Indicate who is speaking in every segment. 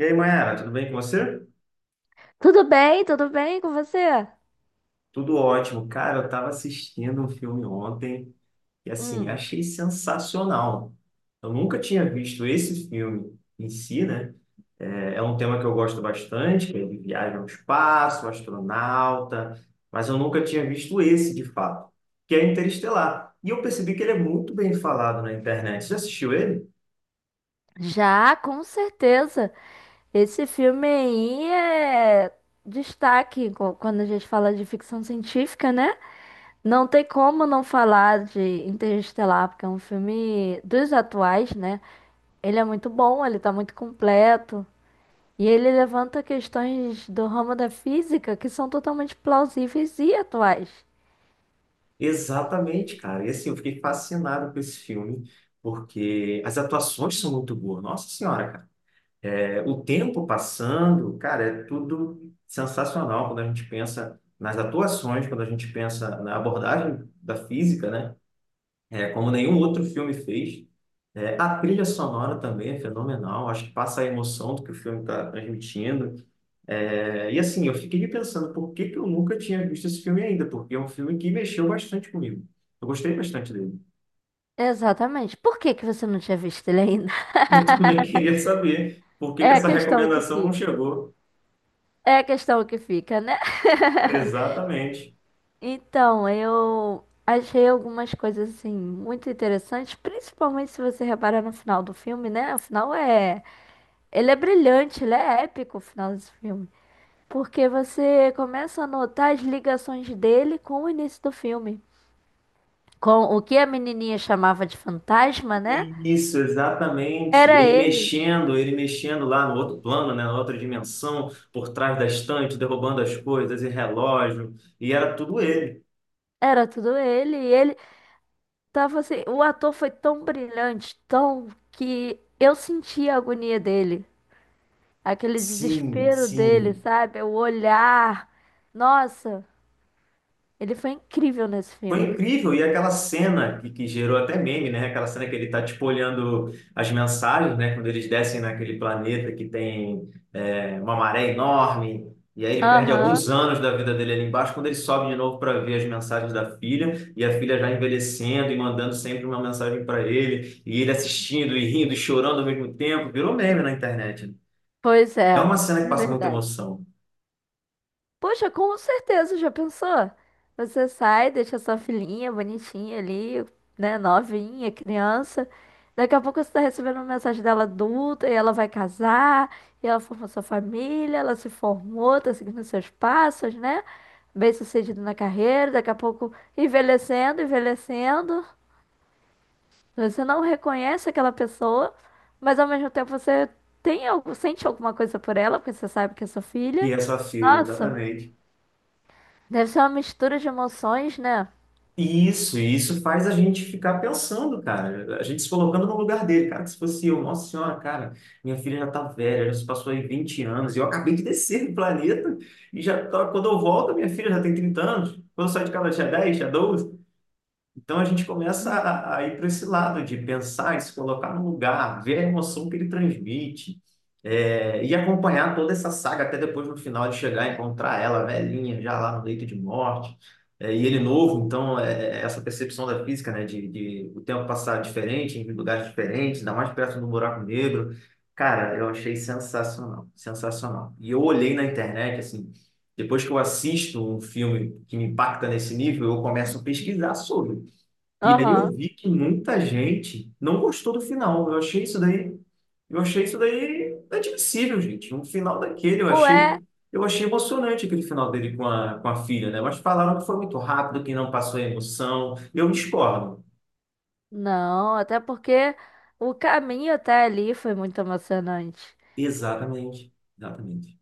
Speaker 1: E aí, Mayara, tudo bem com você?
Speaker 2: Tudo bem? Tudo bem com você?
Speaker 1: Tudo ótimo. Cara, eu estava assistindo um filme ontem e, assim,
Speaker 2: Hum.
Speaker 1: achei sensacional. Eu nunca tinha visto esse filme em si, né? É um tema que eu gosto bastante, que ele viaja ao espaço, astronauta, mas eu nunca tinha visto esse, de fato, que é Interestelar. E eu percebi que ele é muito bem falado na internet. Você já assistiu ele?
Speaker 2: Já, com certeza. Esse filme aí é destaque quando a gente fala de ficção científica, né? Não tem como não falar de Interestelar, porque é um filme dos atuais, né? Ele é muito bom, ele tá muito completo. E ele levanta questões do ramo da física que são totalmente plausíveis e atuais.
Speaker 1: Exatamente, cara. E, assim, eu fiquei fascinado com esse filme, porque as atuações são muito boas. Nossa Senhora, cara. É, o tempo passando, cara, é tudo sensacional quando a gente pensa nas atuações, quando a gente pensa na abordagem da física, né? É, como nenhum outro filme fez. É, a trilha sonora também é fenomenal, acho que passa a emoção do que o filme está transmitindo. É, e assim, eu fiquei pensando por que que eu nunca tinha visto esse filme ainda, porque é um filme que mexeu bastante comigo. Eu gostei bastante dele.
Speaker 2: Exatamente. Por que que você não tinha visto ele ainda?
Speaker 1: Eu também queria saber por que
Speaker 2: É
Speaker 1: que
Speaker 2: a
Speaker 1: essa
Speaker 2: questão que
Speaker 1: recomendação não
Speaker 2: fica.
Speaker 1: chegou.
Speaker 2: É a questão que fica, né?
Speaker 1: Exatamente.
Speaker 2: Então, eu achei algumas coisas assim muito interessantes, principalmente se você reparar no final do filme, né? O final é, ele é brilhante, ele é épico o final desse filme, porque você começa a notar as ligações dele com o início do filme, com o que a menininha chamava de fantasma, né?
Speaker 1: Isso, exatamente.
Speaker 2: Era
Speaker 1: Ele
Speaker 2: ele,
Speaker 1: mexendo, ele mexendo lá no outro plano, né, na outra dimensão, por trás da estante, derrubando as coisas e relógio, e era tudo ele.
Speaker 2: era tudo ele, e ele tava assim, o ator foi tão brilhante, tão que eu senti a agonia dele. Aquele
Speaker 1: Sim,
Speaker 2: desespero dele,
Speaker 1: sim.
Speaker 2: sabe? O olhar. Nossa, ele foi incrível nesse
Speaker 1: Foi
Speaker 2: filme.
Speaker 1: incrível, e aquela cena que gerou até meme, né? Aquela cena que ele tá, tipo, olhando as mensagens, né? Quando eles descem naquele planeta que tem uma maré enorme, e aí ele perde alguns
Speaker 2: Aham,
Speaker 1: anos da vida dele ali embaixo, quando ele sobe de novo para ver as mensagens da filha, e a filha já envelhecendo e mandando sempre uma mensagem para ele, e ele assistindo e rindo e chorando ao mesmo tempo, virou meme na internet.
Speaker 2: pois é,
Speaker 1: É uma cena que
Speaker 2: é
Speaker 1: passa muita
Speaker 2: verdade.
Speaker 1: emoção.
Speaker 2: Poxa, com certeza, já pensou? Você sai, deixa sua filhinha bonitinha ali, né? Novinha, criança. Daqui a pouco você tá recebendo uma mensagem dela adulta e ela vai casar, e ela formou sua família, ela se formou, tá seguindo seus passos, né? Bem-sucedido na carreira, daqui a pouco envelhecendo, envelhecendo. Você não reconhece aquela pessoa, mas ao mesmo tempo você tem algo, sente alguma coisa por ela, porque você sabe que é sua filha.
Speaker 1: E essa filha,
Speaker 2: Nossa,
Speaker 1: exatamente.
Speaker 2: deve ser uma mistura de emoções, né?
Speaker 1: Isso, e isso faz a gente ficar pensando, cara, a gente se colocando no lugar dele, cara, que se fosse eu, nossa senhora, cara, minha filha já tá velha, já se passou aí 20 anos, e eu acabei de descer do planeta, e já, quando eu volto, minha filha já tem 30 anos, quando eu saio de casa ela tinha 10, tinha 12, então a gente começa
Speaker 2: Hum.
Speaker 1: a ir para esse lado de pensar e se colocar no lugar, ver a emoção que ele transmite, e acompanhar toda essa saga até depois no final de chegar e encontrar ela velhinha, já lá no leito de morte, e ele novo. Então é essa percepção da física, né, de o tempo passar diferente, em lugares diferentes, ainda mais perto do buraco negro. Cara, eu achei sensacional, sensacional. E eu olhei na internet, assim. Depois que eu assisto um filme que me impacta nesse nível, eu começo a pesquisar sobre. E aí eu
Speaker 2: Aham.
Speaker 1: vi que muita gente não gostou do final. Eu achei isso daí admissível, gente. Um final daquele,
Speaker 2: Ué,
Speaker 1: eu achei emocionante aquele final dele com a filha, né? Mas falaram que foi muito rápido, que não passou a emoção. Eu discordo.
Speaker 2: não, até porque o caminho até ali foi muito emocionante.
Speaker 1: Exatamente, exatamente.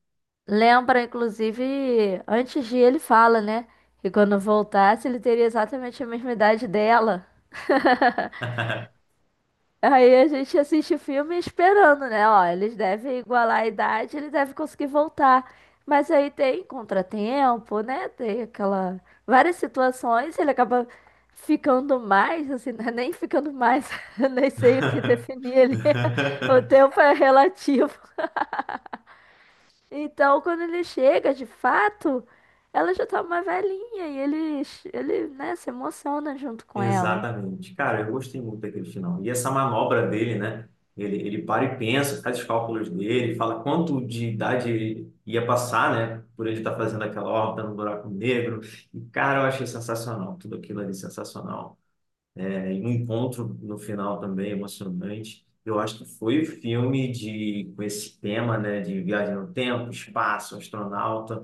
Speaker 2: Lembra, inclusive, antes de ele fala, né? Que quando voltasse, ele teria exatamente a mesma idade dela. Aí a gente assiste o filme esperando, né? Ó, eles devem igualar a idade, ele deve conseguir voltar. Mas aí tem contratempo, né? Tem aquela várias situações, ele acaba ficando mais, assim, né? nem ficando mais, eu nem sei o que definir ele O tempo é relativo. Então, quando ele chega, de fato, ela já tá uma velhinha e ele, né, se emociona junto com ela.
Speaker 1: Exatamente. Cara, eu gostei muito daquele final. E essa manobra dele, né? Ele para e pensa, faz os cálculos dele, fala quanto de idade ele ia passar, né? Por ele estar fazendo aquela órbita no buraco negro. E, cara, eu achei sensacional. Tudo aquilo ali sensacional. É, e um encontro no final também emocionante. Eu acho que foi o filme de, com esse tema, né? De viagem no tempo, espaço, astronauta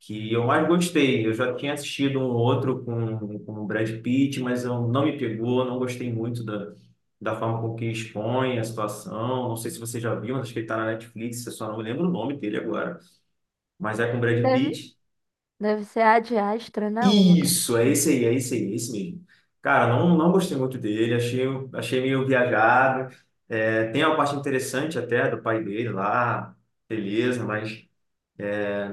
Speaker 1: que eu mais gostei. Eu já tinha assistido um outro com o Brad Pitt, mas eu, não me pegou, não gostei muito da forma com que expõe a situação. Não sei se você já viu, mas acho que ele está na Netflix, eu só não lembro o nome dele agora. Mas é com o Brad
Speaker 2: Deve,
Speaker 1: Pitt.
Speaker 2: deve ser Ad Astra, né? Alguma coisa
Speaker 1: Isso, é
Speaker 2: assim.
Speaker 1: esse aí, é esse aí, é esse mesmo. Cara, não, não gostei muito dele, achei meio viajado. É, tem uma parte interessante até do pai dele lá, beleza, mas.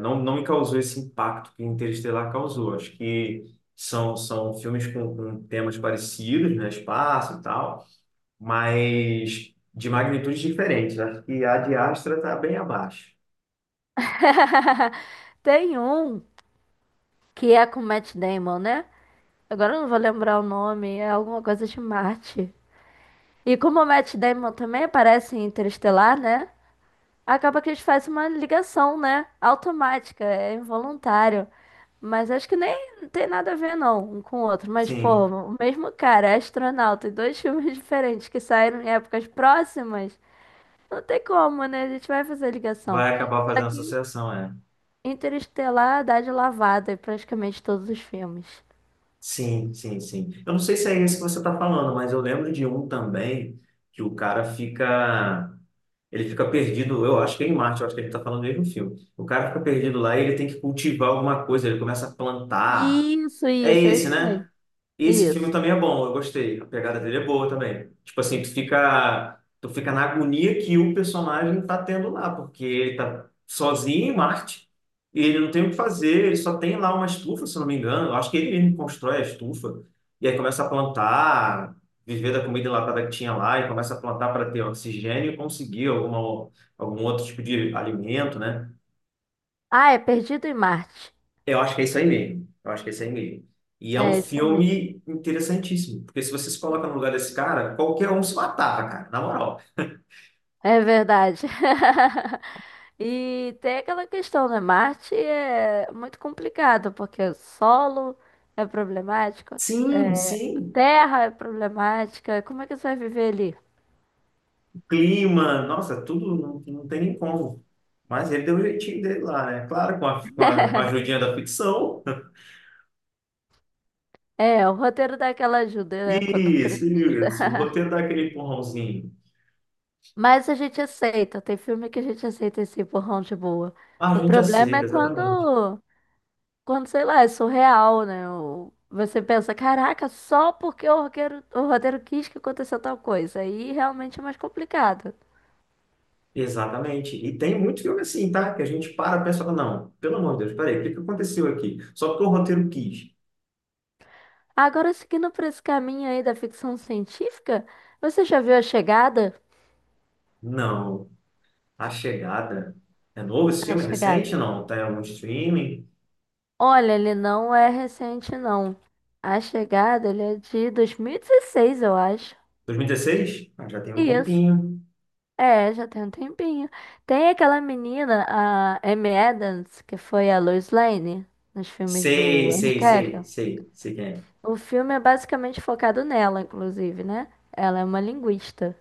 Speaker 1: Não, não me causou esse impacto que Interestelar causou. Acho que são filmes com temas parecidos, né? Espaço e tal, mas de magnitudes diferentes. Acho que a de Astra está bem abaixo.
Speaker 2: Tem um que é com Matt Damon, né? Agora eu não vou lembrar o nome, é alguma coisa de Marte. E como o Matt Damon também aparece em Interestelar, né? Acaba que eles fazem uma ligação, né? Automática, é involuntário. Mas acho que nem tem nada a ver, não, um com o outro. Mas, pô,
Speaker 1: Sim,
Speaker 2: o mesmo cara é astronauta e dois filmes diferentes que saíram em épocas próximas. Não tem como, né? A gente vai fazer ligação.
Speaker 1: vai acabar
Speaker 2: Só
Speaker 1: fazendo
Speaker 2: que,
Speaker 1: associação, é.
Speaker 2: Interestelar dá de lavada em praticamente todos os filmes.
Speaker 1: Sim, sim, sim. Eu não sei se é esse que você está falando, mas eu lembro de um também que o cara fica. Ele fica perdido, eu acho que é em Marte, eu acho que ele está falando do mesmo filme. O cara fica perdido lá e ele tem que cultivar alguma coisa, ele começa a plantar.
Speaker 2: Isso,
Speaker 1: É
Speaker 2: isso, é
Speaker 1: esse,
Speaker 2: esse mesmo.
Speaker 1: né? Esse filme
Speaker 2: Isso.
Speaker 1: também é bom, eu gostei. A pegada dele é boa também. Tipo assim, tu fica na agonia que o personagem tá tendo lá, porque ele tá sozinho em Marte e ele não tem o que fazer, ele só tem lá uma estufa, se eu não me engano. Eu acho que ele mesmo constrói a estufa e aí começa a plantar, viver da comida enlatada que tinha lá e começa a plantar para ter oxigênio e conseguir alguma, algum outro tipo de alimento, né?
Speaker 2: Ah, é Perdido em Marte.
Speaker 1: Eu acho que é isso aí mesmo. Eu acho que é isso aí mesmo. E é um
Speaker 2: É esse mesmo.
Speaker 1: filme interessantíssimo, porque se você se coloca no lugar desse cara, qualquer um se matava, cara, na moral.
Speaker 2: É verdade. E tem aquela questão, né? Marte é muito complicado, porque é solo é problemático,
Speaker 1: Sim,
Speaker 2: é
Speaker 1: sim,
Speaker 2: terra é problemática. Como é que você vai viver ali?
Speaker 1: clima, nossa, tudo não, não tem nem como. Mas ele deu o jeitinho dele lá, né? Claro, com a ajudinha da ficção.
Speaker 2: É, o roteiro dá aquela ajuda, né? Quando
Speaker 1: Isso,
Speaker 2: precisa.
Speaker 1: isso. O roteiro dá aquele empurrãozinho.
Speaker 2: Mas a gente aceita. Tem filme que a gente aceita esse empurrão de boa.
Speaker 1: Ah, a
Speaker 2: O
Speaker 1: gente
Speaker 2: problema
Speaker 1: aceita,
Speaker 2: é
Speaker 1: exatamente.
Speaker 2: quando, sei lá, é surreal, né? O- Você pensa, caraca, só porque o roteiro quis que aconteceu tal coisa. Aí realmente é mais complicado.
Speaker 1: Exatamente. E tem muito filme assim, tá? Que a gente para e pensa, não, pelo amor de Deus, peraí, o que que aconteceu aqui? Só porque o roteiro quis.
Speaker 2: Agora, seguindo por esse caminho aí da ficção científica, você já viu A Chegada?
Speaker 1: Não. A Chegada. É novo esse
Speaker 2: A
Speaker 1: filme? É
Speaker 2: Chegada.
Speaker 1: recente? Não? Tá em algum streaming?
Speaker 2: Olha, ele não é recente, não. A Chegada, ele é de 2016, eu acho.
Speaker 1: 2016? Ah, já tem um
Speaker 2: Isso.
Speaker 1: tempinho.
Speaker 2: É, já tem um tempinho. Tem aquela menina, a Amy Adams, que foi a Lois Lane nos filmes
Speaker 1: Sei,
Speaker 2: do Henry
Speaker 1: sei, sei,
Speaker 2: Cavill.
Speaker 1: sei, sei quem é.
Speaker 2: O filme é basicamente focado nela, inclusive, né? Ela é uma linguista.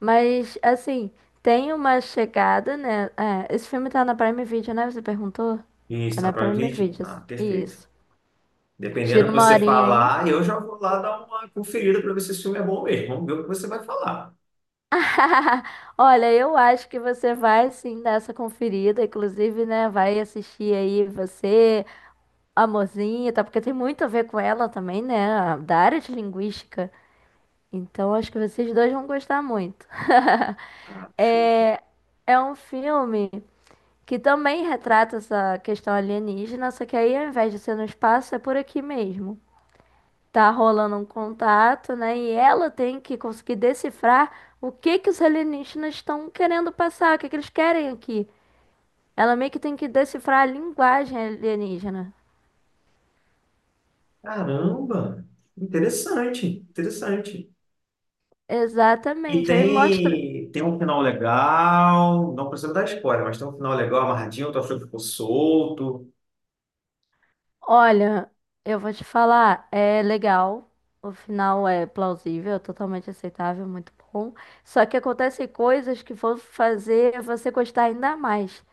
Speaker 2: Mas, assim, tem uma chegada, né? É, esse filme tá na Prime Video, né? Você perguntou?
Speaker 1: Isso,
Speaker 2: Tá
Speaker 1: tá no
Speaker 2: na
Speaker 1: Prime
Speaker 2: Prime
Speaker 1: Video?
Speaker 2: Video.
Speaker 1: Ah, perfeito.
Speaker 2: Isso.
Speaker 1: Dependendo do
Speaker 2: Tira
Speaker 1: que
Speaker 2: uma
Speaker 1: você
Speaker 2: horinha aí.
Speaker 1: falar, eu já vou lá dar uma conferida para ver se esse filme é bom mesmo. Vamos ver o que você vai falar.
Speaker 2: Olha, eu acho que você vai sim dar essa conferida, inclusive, né? Vai assistir aí você. Amorzinho, tá? Porque tem muito a ver com ela também, né? Da área de linguística. Então acho que vocês dois vão gostar muito.
Speaker 1: Ah, show.
Speaker 2: É, é um filme que também retrata essa questão alienígena, só que aí ao invés de ser no espaço, é por aqui mesmo. Tá rolando um contato, né? E ela tem que conseguir decifrar o que que os alienígenas estão querendo passar, o que que eles querem aqui. Ela meio que tem que decifrar a linguagem alienígena.
Speaker 1: Caramba! Interessante, interessante. E
Speaker 2: Exatamente. Aí mostra.
Speaker 1: tem um final legal. Não precisa dar spoiler, mas tem um final legal amarradinho. Tu achou que ficou solto?
Speaker 2: Olha, eu vou te falar, é legal, o final é plausível, é totalmente aceitável, muito bom. Só que acontecem coisas que vão fazer você gostar ainda mais,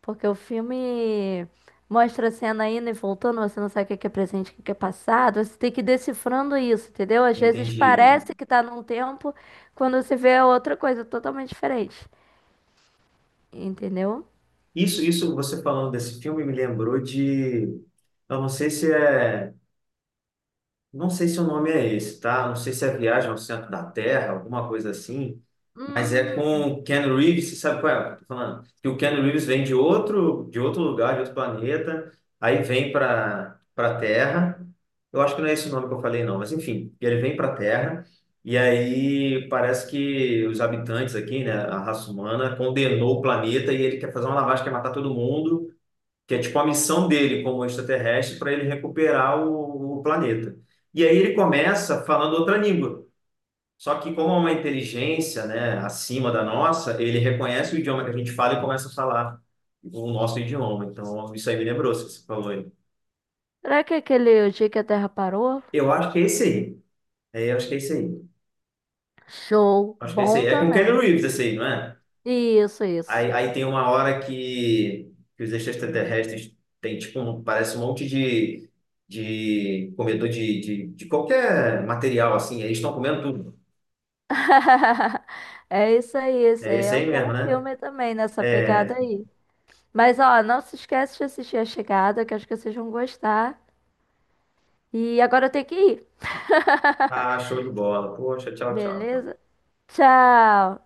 Speaker 2: porque o filme mostra a cena indo e voltando, você não sabe o que que é presente, o que que é passado, você tem que ir decifrando isso, entendeu? Às vezes
Speaker 1: Entende?
Speaker 2: parece que tá num tempo, quando você vê é outra coisa totalmente diferente, entendeu?
Speaker 1: Isso, você falando desse filme me lembrou de, eu não sei se é, não sei se o nome é esse, tá? Não sei se é Viagem ao Centro da Terra, alguma coisa assim, mas é com
Speaker 2: Hum,
Speaker 1: o Ken Reeves, você sabe qual é? Que eu tô falando que o Ken Reeves vem de outro lugar, de outro planeta, aí vem para Terra. Eu acho que não é esse o nome que eu falei não, mas enfim, ele vem para Terra e aí parece que os habitantes aqui, né, a raça humana condenou o planeta e ele quer fazer uma lavagem, quer matar todo mundo que é tipo a missão dele como extraterrestre para ele recuperar o planeta. E aí ele começa falando outra língua. Só que como é uma inteligência, né, acima da nossa, ele reconhece o idioma que a gente fala e começa a falar o nosso idioma. Então, isso aí me lembrou, se você falou aí.
Speaker 2: será que é aquele O Dia que a Terra Parou?
Speaker 1: Eu acho que é esse aí. É, eu acho que é esse aí.
Speaker 2: Show,
Speaker 1: Acho que é esse aí.
Speaker 2: bom
Speaker 1: É com Keanu
Speaker 2: também.
Speaker 1: Reeves esse aí, não é?
Speaker 2: Isso, isso.
Speaker 1: Aí tem uma hora que os extraterrestres têm, tipo, parece um monte de comedor de qualquer material, assim. Eles estão comendo tudo.
Speaker 2: É isso aí, esse
Speaker 1: É
Speaker 2: aí
Speaker 1: esse
Speaker 2: é
Speaker 1: aí
Speaker 2: um bom
Speaker 1: mesmo, né?
Speaker 2: filme também nessa pegada
Speaker 1: É.
Speaker 2: aí. Mas ó, não se esquece de assistir A Chegada, que acho que vocês vão gostar. E agora eu tenho que ir.
Speaker 1: Ah, show de bola. Poxa, tchau, tchau.
Speaker 2: Beleza? Tchau.